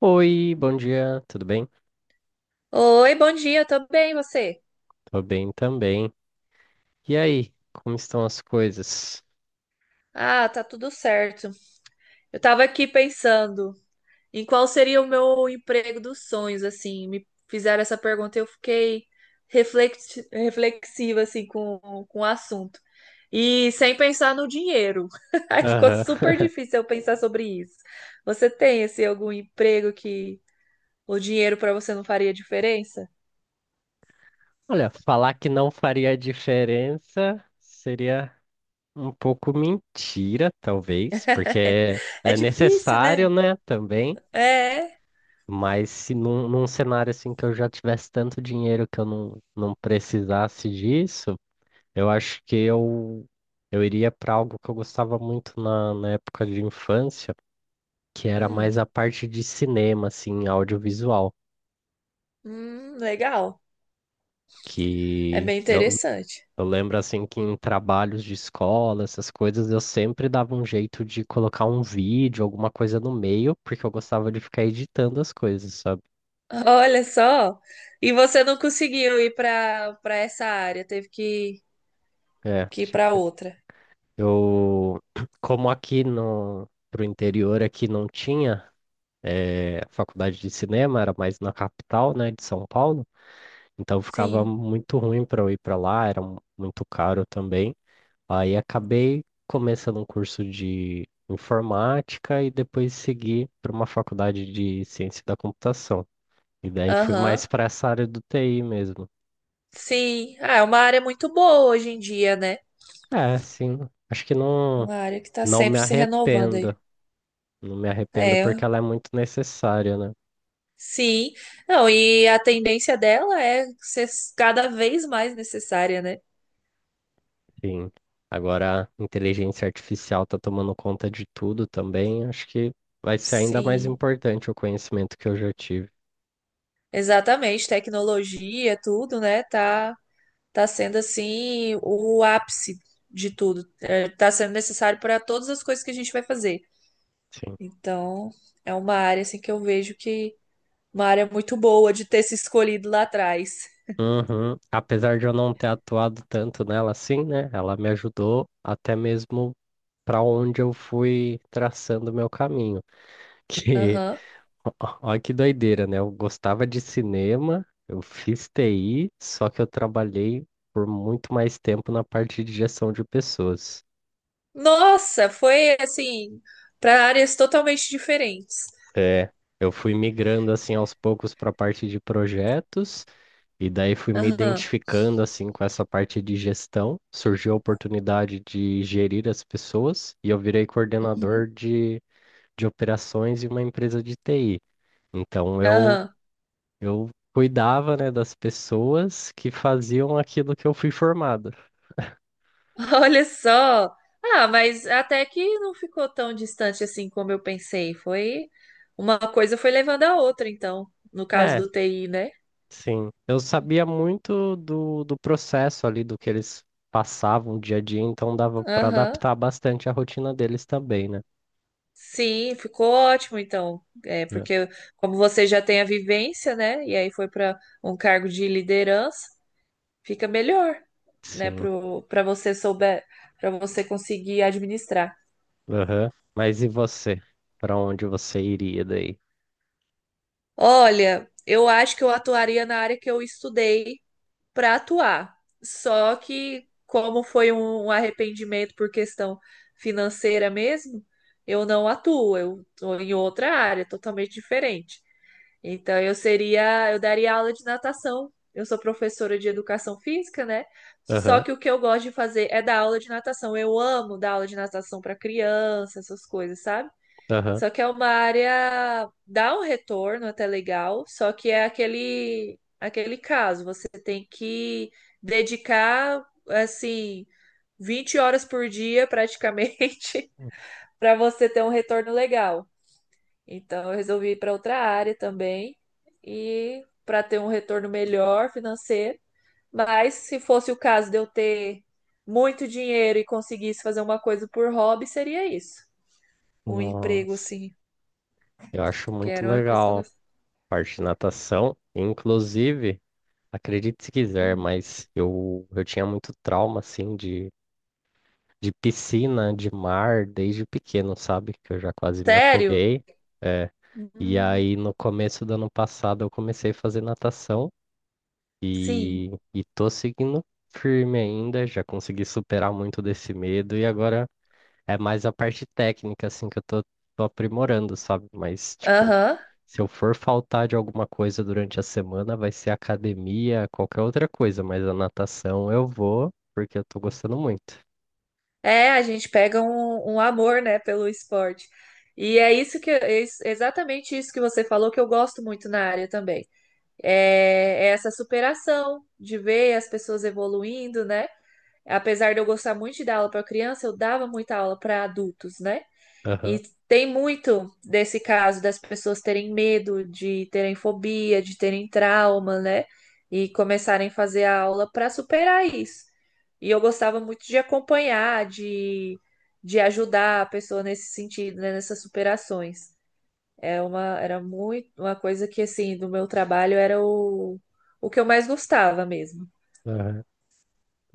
Oi, bom dia, tudo bem? Oi, bom dia, eu bem, e você? Tô bem também. E aí, como estão as coisas? Ah, tá tudo certo. Eu tava aqui pensando em qual seria o meu emprego dos sonhos, assim, me fizeram essa pergunta e eu fiquei reflexiva, assim, com o assunto. E sem pensar no dinheiro. Aí ficou Aham. super difícil eu pensar sobre isso. Você tem, assim, algum emprego que o dinheiro para você não faria diferença? Olha, falar que não faria diferença seria um pouco mentira, talvez, porque é É é difícil, necessário, né? né, também. É. Mas se num cenário assim que eu já tivesse tanto dinheiro que eu não precisasse disso, eu acho que eu, eu iria para algo que eu gostava muito na época de infância, que era Hum, mais a parte de cinema, assim, audiovisual, legal. É que bem interessante. eu lembro, assim, que em trabalhos de escola, essas coisas, eu sempre dava um jeito de colocar um vídeo, alguma coisa no meio, porque eu gostava de ficar editando as coisas, sabe? Olha só. E você não conseguiu ir para essa área, teve que, É, que ir para tipo, outra. eu, como aqui no... Pro interior aqui não tinha faculdade de cinema, era mais na capital, né, de São Paulo, então ficava Sim. muito ruim para eu ir para lá, era muito caro também. Aí acabei começando um curso de informática e depois segui para uma faculdade de ciência da computação. E daí fui mais Aham. para essa área do TI mesmo. Sim. Ah, é uma área muito boa hoje em dia, né? É, sim, acho que não, Uma área que está não me sempre se renovando aí. arrependo. Não me arrependo É. porque ela é muito necessária, né? Sim. Não, e a tendência dela é ser cada vez mais necessária, né? Sim. Agora a inteligência artificial está tomando conta de tudo também. Acho que vai ser ainda mais Sim. importante o conhecimento que eu já tive. Exatamente. Tecnologia, tudo, né? Tá Tá sendo assim o ápice de tudo, está sendo necessário para todas as coisas que a gente vai fazer. Sim. Então, é uma área assim que eu vejo que uma área muito boa de ter se escolhido lá atrás. Uhum. Apesar de eu não ter atuado tanto nela assim, né? Ela me ajudou até mesmo para onde eu fui traçando meu caminho. Que, Aham. Olha que doideira, né? Eu gostava de cinema, eu fiz TI, só que eu trabalhei por muito mais tempo na parte de gestão de pessoas. Nossa, foi assim para áreas totalmente diferentes. É, eu fui migrando assim aos poucos para a parte de projetos. E daí fui me Aham. identificando assim com essa parte de gestão. Surgiu a oportunidade de gerir as pessoas e eu virei Uhum. De operações em uma empresa de TI. Então eu Aham. eu cuidava, né, das pessoas que faziam aquilo que eu fui formado. Olha só. Ah, mas até que não ficou tão distante assim como eu pensei. Foi uma coisa foi levando a outra, então, no caso É, do TI, né? sim. Eu sabia muito do processo ali, do que eles passavam dia a dia, então dava para Aham. adaptar bastante a rotina deles também, né? Sim, ficou ótimo então. É, É. porque como você já tem a vivência, né? E aí foi para um cargo de liderança, fica melhor, né, Sim. pro para você souber, para você conseguir administrar. Aham. Mas e você? Pra onde você iria daí? Olha, eu acho que eu atuaria na área que eu estudei para atuar. Só que como foi um arrependimento por questão financeira mesmo, eu não atuo, eu tô em outra área totalmente diferente. Então, eu daria aula de natação. Eu sou professora de educação física, né? Só Aham, que o que eu gosto de fazer é dar aula de natação. Eu amo dar aula de natação para criança, essas coisas, sabe? aham. Só que é uma área, dá um retorno até legal, só que é aquele caso, você tem que dedicar assim 20 horas por dia praticamente para você ter um retorno legal. Então, eu resolvi ir para outra área também e para ter um retorno melhor financeiro. Mas se fosse o caso de eu ter muito dinheiro e conseguisse fazer uma coisa por hobby, seria isso. Um emprego Nossa, assim, eu acho que muito era uma coisa que eu legal gostava. a parte de natação. Inclusive, acredite se quiser, Hum. Eu tinha muito trauma, assim, de piscina, de mar, desde pequeno, sabe? Que eu já quase me Sério? afoguei. É. E Hum. aí, no começo do ano passado, eu comecei a fazer natação Sim. E tô seguindo firme ainda. Já consegui superar muito desse medo e agora é mais a parte técnica, assim, que eu tô aprimorando, sabe? Mas, tipo, Aham. se eu for faltar de alguma coisa durante a semana, vai ser academia, qualquer outra coisa, mas a natação eu vou, porque eu tô gostando muito. É, a gente pega um amor, né, pelo esporte. E é isso que é exatamente isso que você falou que eu gosto muito na área também. É essa superação de ver as pessoas evoluindo, né? Apesar de eu gostar muito de dar aula para criança, eu dava muita aula para adultos, né? Aham, E tem muito desse caso das pessoas terem medo, de terem fobia, de terem trauma, né? E começarem a fazer a aula para superar isso. E eu gostava muito de acompanhar, de ajudar a pessoa nesse sentido, né? Nessas superações. Era muito uma coisa que assim, do meu trabalho era o que eu mais gostava mesmo. aham.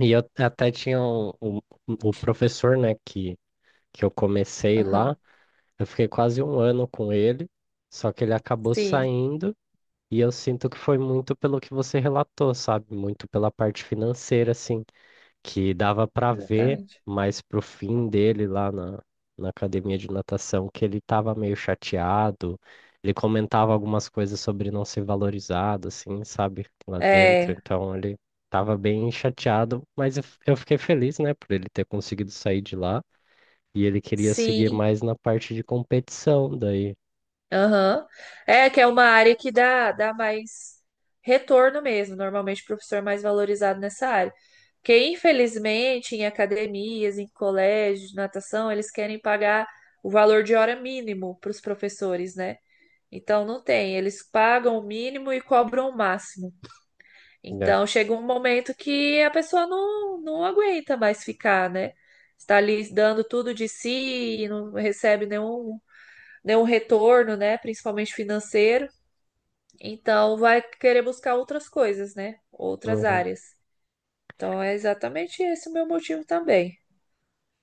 E eu até tinha o professor, né, que eu comecei lá, Aham. eu fiquei quase um ano com ele, só que ele acabou Sim, saindo, e eu sinto que foi muito pelo que você relatou, sabe? Muito pela parte financeira, assim, que dava para ver exatamente. mais pro fim dele na academia de natação, que ele tava meio chateado. Ele comentava algumas coisas sobre não ser valorizado, assim, sabe, lá dentro. É, Então ele tava bem chateado, mas eu fiquei feliz, né, por ele ter conseguido sair de lá. E ele queria seguir sim. mais na parte de competição, daí, Aham. É que é uma área que dá mais retorno mesmo. Normalmente o professor é mais valorizado nessa área. Porque, infelizmente, em academias, em colégios de natação, eles querem pagar o valor de hora mínimo para os professores, né? Então não tem, eles pagam o mínimo e cobram o máximo. né? Então chega um momento que a pessoa não aguenta mais ficar, né? Está ali dando tudo de si e não recebe nenhum retorno, né? Principalmente financeiro. Então vai querer buscar outras coisas, né? Outras Uhum. áreas. Então é exatamente esse o meu motivo também.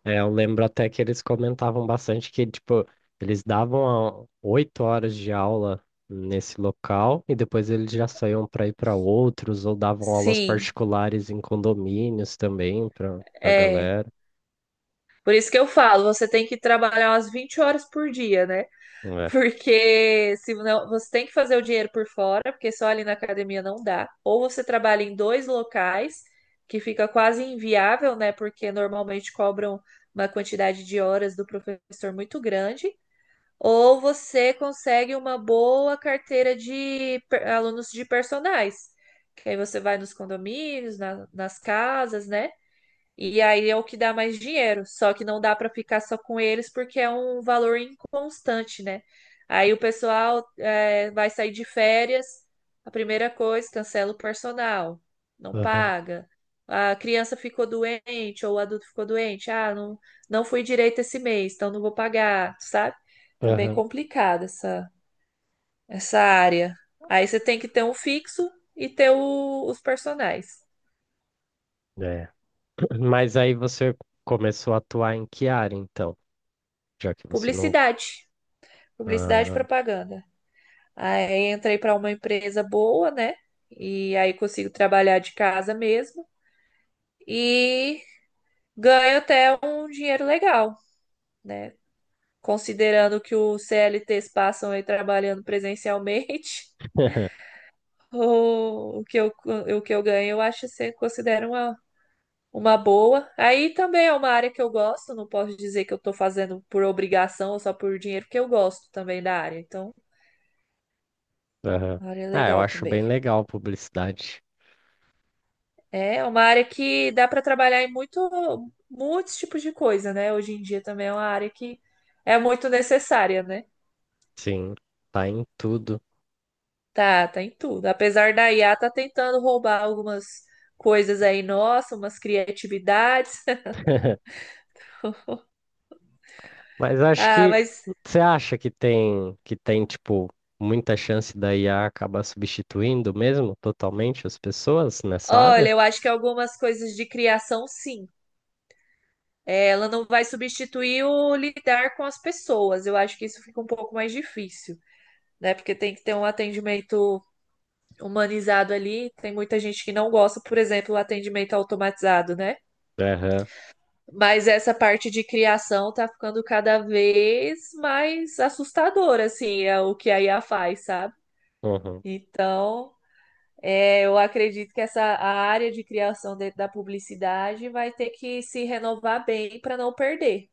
É, eu lembro até que eles comentavam bastante que, tipo, eles davam 8 horas de aula nesse local e depois eles já saíam para ir para outros ou davam aulas Sim, particulares em condomínios também para é. galera. Por isso que eu falo, você tem que trabalhar umas 20 horas por dia, né? É. Porque se não, você tem que fazer o dinheiro por fora, porque só ali na academia não dá. Ou você trabalha em dois locais, que fica quase inviável, né? Porque normalmente cobram uma quantidade de horas do professor muito grande. Ou você consegue uma boa carteira de alunos de personais, que aí você vai nos condomínios, nas casas, né? E aí é o que dá mais dinheiro. Só que não dá para ficar só com eles porque é um valor inconstante, né? Aí o pessoal vai sair de férias, a primeira coisa, cancela o personal, não Aham, paga. A criança ficou doente ou o adulto ficou doente. Ah, não fui direito esse mês, então não vou pagar, sabe? Também aham. complicada essa área. Aí você tem que ter um fixo e ter os personagens. É. Mas aí você começou a atuar em que área, então? Já que você não. Publicidade. Publicidade e Ah, propaganda. Aí entrei para uma empresa boa, né? E aí consigo trabalhar de casa mesmo e ganho até um dinheiro legal, né? Considerando que os CLTs passam aí trabalhando presencialmente, o o que eu, o que eu ganho, eu acho que considero uma boa. Aí também é uma área que eu gosto, não posso dizer que eu tô fazendo por obrigação ou só por dinheiro, porque eu gosto também da área. Então, aham. a área é Ah, eu legal acho também. bem legal publicidade. É uma área que dá para trabalhar em muitos tipos de coisa, né? Hoje em dia também é uma área que é muito necessária, né? Sim, tá em tudo. Tá, tá em tudo. Apesar da IA tá tentando roubar algumas coisas aí, nossa, umas criatividades. Mas acho Ah, que mas você acha que tem tipo muita chance da IA acabar substituindo mesmo totalmente as pessoas nessa olha, área? eu acho que algumas coisas de criação, sim. É, ela não vai substituir o lidar com as pessoas. Eu acho que isso fica um pouco mais difícil, né? Porque tem que ter um atendimento humanizado ali. Tem muita gente que não gosta, por exemplo, do atendimento automatizado, né? Aham, Mas essa parte de criação tá ficando cada vez mais assustadora, assim, é o que a IA faz, sabe? uhum. Então, eu acredito que essa a área de criação dentro da publicidade vai ter que se renovar bem para não perder.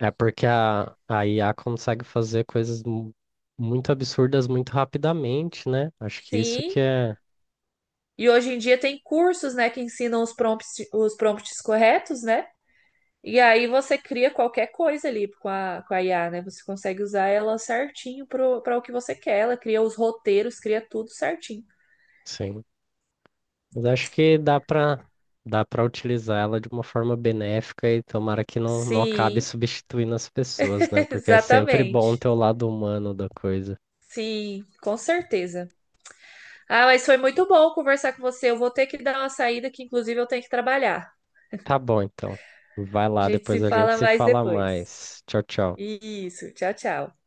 É porque a IA consegue fazer coisas muito absurdas muito rapidamente, né? Acho que isso Sim. que é, E hoje em dia tem cursos, né, que ensinam os prompts, corretos, né? E aí você cria qualquer coisa ali com a IA, né? Você consegue usar ela certinho para o que você quer. Ela cria os roteiros, cria tudo certinho. sim. Mas acho que dá para utilizar ela de uma forma benéfica e tomara que não acabe Sim, substituindo as pessoas, né? Porque é sempre bom exatamente. ter o lado humano da coisa. Sim, com certeza. Ah, mas foi muito bom conversar com você. Eu vou ter que dar uma saída que, inclusive, eu tenho que trabalhar. Tá bom, então. Vai A lá, gente se depois a gente fala se mais fala depois. mais. Tchau, tchau. Isso, tchau, tchau.